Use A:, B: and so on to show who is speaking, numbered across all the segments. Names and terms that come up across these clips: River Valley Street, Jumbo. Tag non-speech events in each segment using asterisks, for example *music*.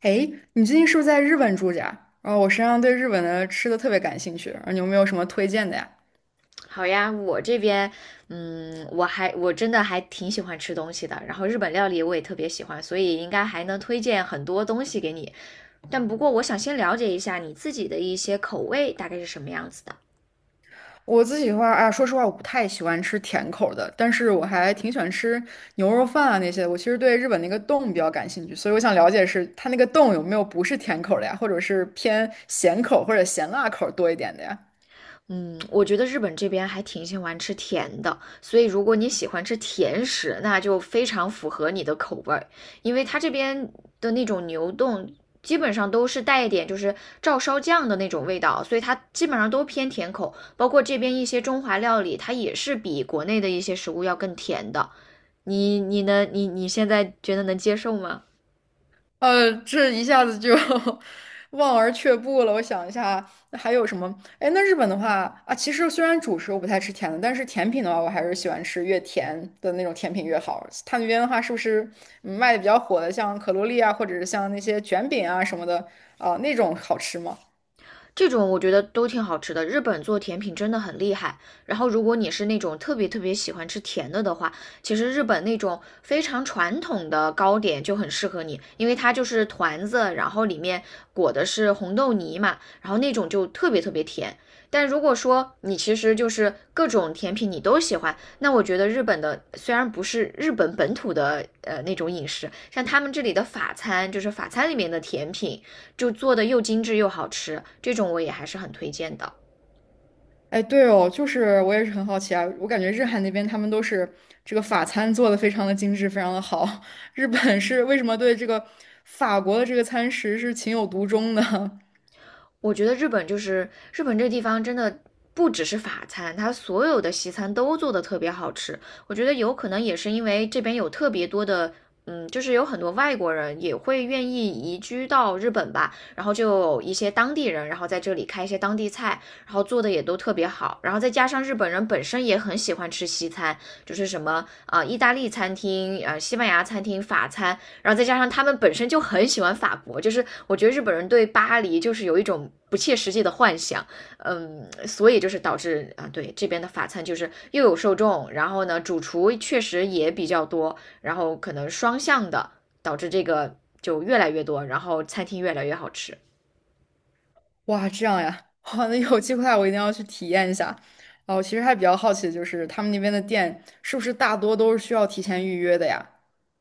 A: 哎，你最近是不是在日本住着呀？然后我实际上对日本的吃的特别感兴趣，然后你有没有什么推荐的呀？
B: 好呀，我这边，我真的还挺喜欢吃东西的，然后日本料理我也特别喜欢，所以应该还能推荐很多东西给你。但不过我想先了解一下你自己的一些口味大概是什么样子的。
A: 我自己的话啊，说实话，我不太喜欢吃甜口儿的，但是我还挺喜欢吃牛肉饭啊那些的，我其实对日本那个洞比较感兴趣，所以我想了解是它那个洞有没有不是甜口儿的呀，或者是偏咸口儿或者咸辣口儿多一点的呀？
B: 嗯，我觉得日本这边还挺喜欢吃甜的，所以如果你喜欢吃甜食，那就非常符合你的口味儿，因为它这边的那种牛丼基本上都是带一点就是照烧酱的那种味道，所以它基本上都偏甜口，包括这边一些中华料理，它也是比国内的一些食物要更甜的。你你能你你现在觉得能接受吗？
A: 这一下子就 *laughs* 望而却步了。我想一下，那还有什么？哎，那日本的话啊，其实虽然主食我不太吃甜的，但是甜品的话，我还是喜欢吃越甜的那种甜品越好。他那边的话，是不是卖的比较火的，像可露丽啊，或者是像那些卷饼啊什么的啊，那种好吃吗？
B: 这种我觉得都挺好吃的。日本做甜品真的很厉害。然后，如果你是那种特别特别喜欢吃甜的的话，其实日本那种非常传统的糕点就很适合你，因为它就是团子，然后里面裹的是红豆泥嘛，然后那种就特别特别甜。但如果说你其实就是各种甜品你都喜欢，那我觉得日本的虽然不是日本本土的那种饮食，像他们这里的法餐，就是法餐里面的甜品，就做的又精致又好吃，这种我也还是很推荐的。
A: 哎，对哦，就是我也是很好奇啊，我感觉日韩那边他们都是这个法餐做的非常的精致，非常的好。*laughs* 日本是为什么对这个法国的这个餐食是情有独钟呢？
B: 我觉得日本就是日本这个地方真的不只是法餐，它所有的西餐都做的特别好吃。我觉得有可能也是因为这边有特别多的。就是有很多外国人也会愿意移居到日本吧，然后就有一些当地人，然后在这里开一些当地菜，然后做的也都特别好，然后再加上日本人本身也很喜欢吃西餐，就是什么啊、意大利餐厅、西班牙餐厅、法餐，然后再加上他们本身就很喜欢法国，就是我觉得日本人对巴黎就是有一种不切实际的幻想，所以就是导致啊，对这边的法餐就是又有受众，然后呢，主厨确实也比较多，然后可能双向的导致这个就越来越多，然后餐厅越来越好吃。
A: 哇，这样呀，*laughs* 哇，那有机会啊我一定要去体验一下。哦，我其实还比较好奇的就是他们那边的店是不是大多都是需要提前预约的呀？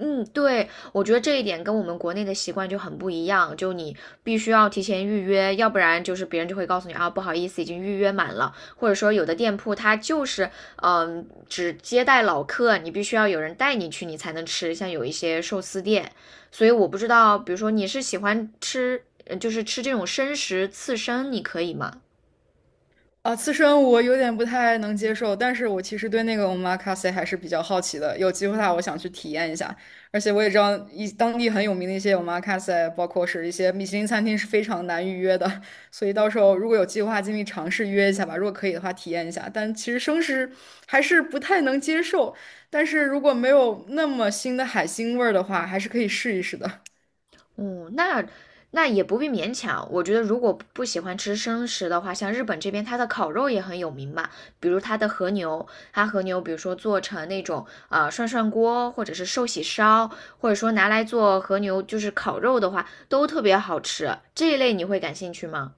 B: 嗯，对，我觉得这一点跟我们国内的习惯就很不一样，就你必须要提前预约，要不然就是别人就会告诉你啊，不好意思，已经预约满了，或者说有的店铺它就是只接待老客，你必须要有人带你去，你才能吃，像有一些寿司店，所以我不知道，比如说你是喜欢吃，就是吃这种生食刺身，你可以吗？
A: 啊，刺身我有点不太能接受，但是我其实对那个 omakase 还是比较好奇的，有机会的话我想去体验一下。而且我也知道一当地很有名的一些 omakase，包括是一些米其林餐厅是非常难预约的，*laughs* 所以到时候如果有计划，尽力尝试约一下吧。如果可以的话，体验一下。但其实生食还是不太能接受，但是如果没有那么腥的海腥味儿的话，还是可以试一试的。
B: 嗯，那那也不必勉强。我觉得如果不喜欢吃生食的话，像日本这边它的烤肉也很有名嘛，比如它的和牛，它和牛比如说做成那种涮涮锅，或者是寿喜烧，或者说拿来做和牛就是烤肉的话，都特别好吃。这一类你会感兴趣吗？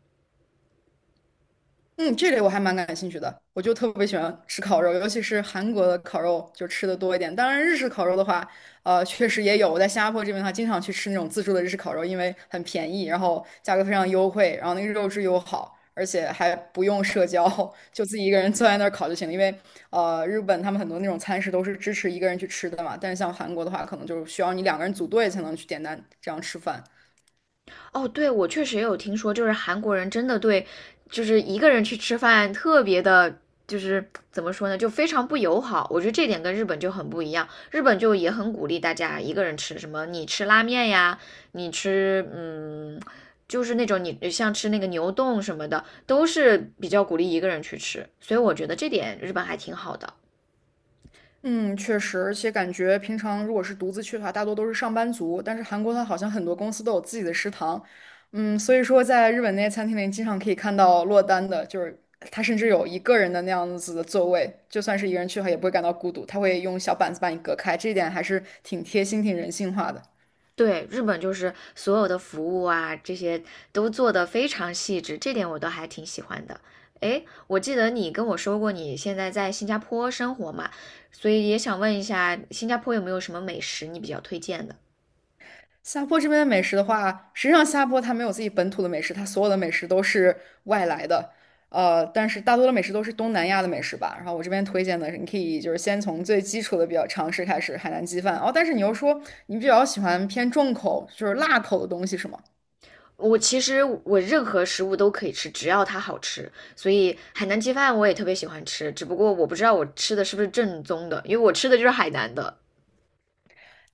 A: 嗯，这类我还蛮感兴趣的，我就特别喜欢吃烤肉，尤其是韩国的烤肉，就吃的多一点。当然，日式烤肉的话，确实也有。我在新加坡这边的话，经常去吃那种自助的日式烤肉，因为很便宜，然后价格非常优惠，然后那个肉质又好，而且还不用社交，*laughs* 就自己一个人坐在那儿烤就行了。因为日本他们很多那种餐食都是支持一个人去吃的嘛，但是像韩国的话，可能就是需要你两个人组队才能去点单这样吃饭。
B: 哦，对，我确实也有听说，就是韩国人真的对，就是一个人去吃饭特别的，就是怎么说呢，就非常不友好。我觉得这点跟日本就很不一样，日本就也很鼓励大家一个人吃，什么你吃拉面呀，你吃就是那种你像吃那个牛丼什么的，都是比较鼓励一个人去吃。所以我觉得这点日本还挺好的。
A: 嗯，确实，而且感觉平常如果是独自去的话，大多都是上班族。但是韩国它好像很多公司都有自己的食堂，嗯，所以说在日本那些餐厅里，经常可以看到落单的，就是他甚至有一个人的那样子的座位，就算是一个人去的话，也不会感到孤独，他会用小板子把你隔开，这一点还是挺贴心、挺人性化的。
B: 对，日本就是所有的服务啊，这些都做得非常细致，这点我都还挺喜欢的。诶，我记得你跟我说过你现在在新加坡生活嘛，所以也想问一下，新加坡有没有什么美食你比较推荐的？
A: 下坡这边的美食的话，实际上下坡它没有自己本土的美食，它所有的美食都是外来的。呃，但是大多的美食都是东南亚的美食吧。然后我这边推荐的是，你可以就是先从最基础的比较常识开始，海南鸡饭。哦，但是你又说你比较喜欢偏重口，就是辣口的东西是吗？
B: 我其实我任何食物都可以吃，只要它好吃。所以海南鸡饭我也特别喜欢吃，只不过我不知道我吃的是不是正宗的，因为我吃的就是海南的。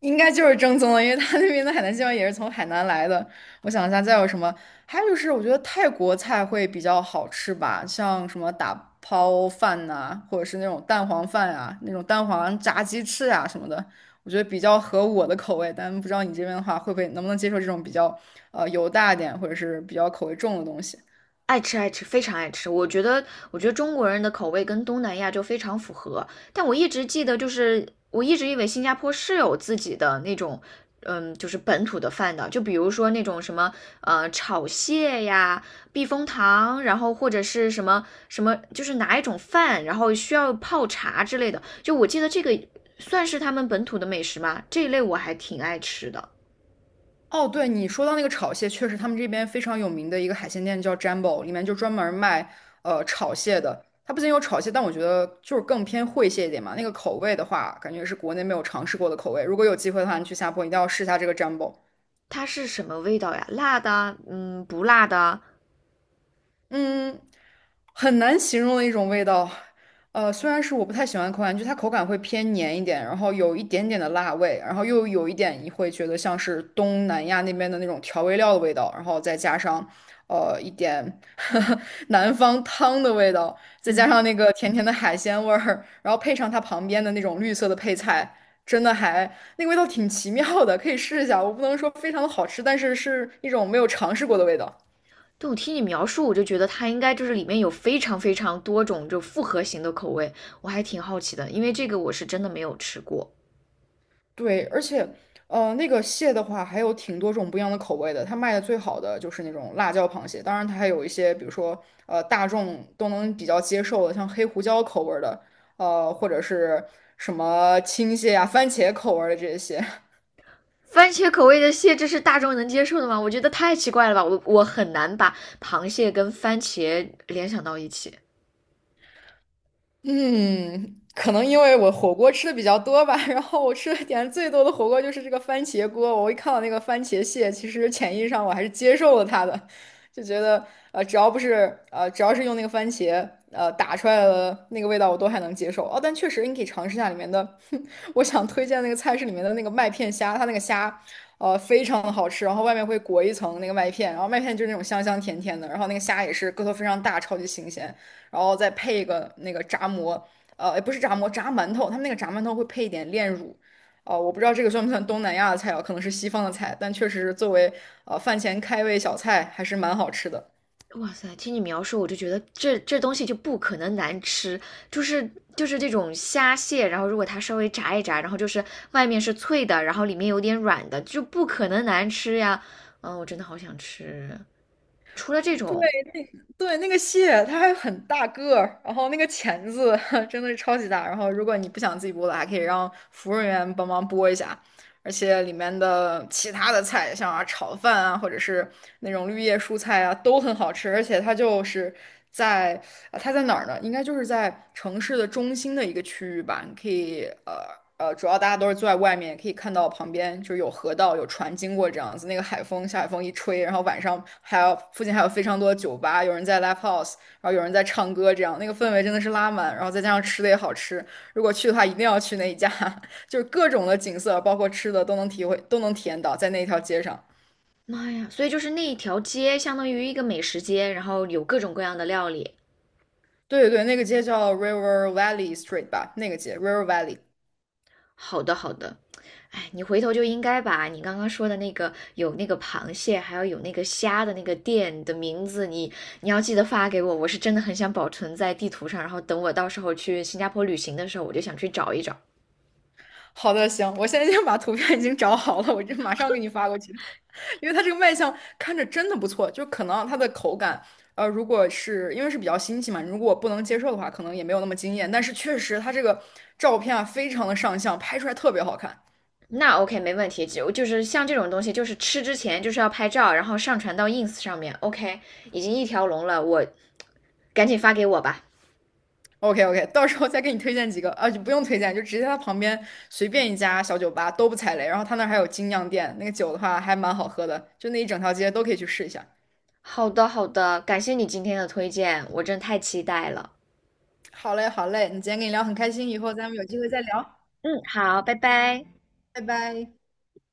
A: 应该就是正宗的，因为他那边的海南鸡饭也是从海南来的。我想一下，再有什么？还有就是，我觉得泰国菜会比较好吃吧，像什么打抛饭呐、或者是那种蛋黄饭啊，那种蛋黄炸鸡翅啊什么的，我觉得比较合我的口味。但不知道你这边的话，会不会能不能接受这种比较油大一点，或者是比较口味重的东西？
B: 爱吃爱吃，非常爱吃。我觉得，我觉得中国人的口味跟东南亚就非常符合。但我一直记得，就是我一直以为新加坡是有自己的那种，就是本土的饭的。就比如说那种什么，炒蟹呀、避风塘，然后或者是什么什么，就是拿一种饭，然后需要泡茶之类的。就我记得这个算是他们本土的美食吗？这一类我还挺爱吃的。
A: 哦，对，你说到那个炒蟹，确实他们这边非常有名的一个海鲜店叫 Jumbo，里面就专门卖炒蟹的。它不仅有炒蟹，但我觉得就是更偏烩蟹一点嘛。那个口味的话，感觉是国内没有尝试过的口味。如果有机会的话，你去下坡一定要试一下这个 Jumbo。
B: 它是什么味道呀？辣的啊，嗯，不辣的啊，
A: 嗯，很难形容的一种味道。虽然是我不太喜欢口感，就它口感会偏黏一点，然后有一点点的辣味，然后又有一点你会觉得像是东南亚那边的那种调味料的味道，然后再加上一点 *laughs* 南方汤的味道，再加上那个甜甜的海鲜味儿，然后配上它旁边的那种绿色的配菜，真的还那个味道挺奇妙的，可以试一下。我不能说非常的好吃，但是是一种没有尝试过的味道。
B: 对，我听你描述，我就觉得它应该就是里面有非常非常多种就复合型的口味，我还挺好奇的，因为这个我是真的没有吃过。
A: 对，而且，那个蟹的话，还有挺多种不一样的口味的。它卖的最好的就是那种辣椒螃蟹，当然它还有一些，比如说，大众都能比较接受的，像黑胡椒口味儿的，或者是什么青蟹啊、番茄口味儿的这些。*laughs*
B: 番茄口味的蟹，这是大众能接受的吗？我觉得太奇怪了吧，我很难把螃蟹跟番茄联想到一起。
A: 嗯，可能因为我火锅吃的比较多吧，*laughs* 然后我吃的点最多的火锅就是这个番茄锅。我一看到那个番茄蟹，其实潜意识上我还是接受了它的，就觉得呃，只要不是呃，只要是用那个番茄打出来的那个味道，我都还能接受。哦，但确实你可以尝试一下里面的，*laughs* 我想推荐那个菜市里面的那个麦片虾，它那个虾非常的好吃，然后外面会裹一层那个麦片，然后麦片就是那种香香甜甜的，然后那个虾也是个头非常大，超级新鲜。然后再配一个那个炸馍，也不是炸馍，炸馒头。他们那个炸馒头会配一点炼乳，哦、我不知道这个算不算东南亚的菜啊，可能是西方的菜，但确实作为饭前开胃小菜还是蛮好吃的。
B: 哇塞，听你描述，我就觉得这这东西就不可能难吃，就是就是这种虾蟹，然后如果它稍微炸一炸，然后就是外面是脆的，然后里面有点软的，就不可能难吃呀。嗯，我真的好想吃。除了这
A: 对
B: 种，
A: 对，那个蟹它还很大个儿，然后那个钳子 *laughs* 真的是超级大。然后如果你不想自己剥的，还可以让服务员帮忙剥一下。而且里面的其他的菜，像啊炒饭啊，或者是那种绿叶蔬菜啊，都很好吃。而且它就是在啊，它在哪儿呢？应该就是在城市的中心的一个区域吧。你可以主要大家都是坐在外面，也可以看到旁边就是有河道、有船经过这样子。那个海风，下海风一吹，然后晚上还有附近还有非常多的酒吧，有人在 live house，然后有人在唱歌，这样那个氛围真的是拉满。然后再加上吃的也好吃，如果去的话一定要去那一家。*laughs* 就是各种的景色，包括吃的都能体会，都能体验到在那一条街上。
B: 妈呀！所以就是那一条街相当于一个美食街，然后有各种各样的料理。
A: 对对对，那个街叫 River Valley Street 吧，那个街 River Valley。
B: 好的，好的。哎，你回头就应该把你刚刚说的那个有那个螃蟹，还要有那个虾的那个店的名字，你要记得发给我。我是真的很想保存在地图上，然后等我到时候去新加坡旅行的时候，我就想去找一找。
A: 好的，行，我现在已经把图片已经找好了，我就马上给你发过去。*laughs* 因为它这个卖相看着真的不错，就可能它的口感，如果是因为是比较新奇嘛，如果我不能接受的话，可能也没有那么惊艳。但是确实它这个照片啊，非常的上相，拍出来特别好看。
B: 那 OK，没问题。就是像这种东西，就是吃之前就是要拍照，然后上传到 ins 上面。OK，已经一条龙了，我赶紧发给我吧。
A: OK OK，*laughs* 到时候再给你推荐几个啊，就不用推荐，就直接他旁边随便一家小酒吧都不踩雷，然后他那儿还有精酿店，那个酒的话还蛮好喝的，就那一整条街都可以去试一下。
B: 好的，好的，感谢你今天的推荐，我真太期待了。
A: 好嘞好嘞，你今天跟你聊很开心，以后咱们有机会再聊，
B: 嗯，好，拜拜。
A: 拜拜。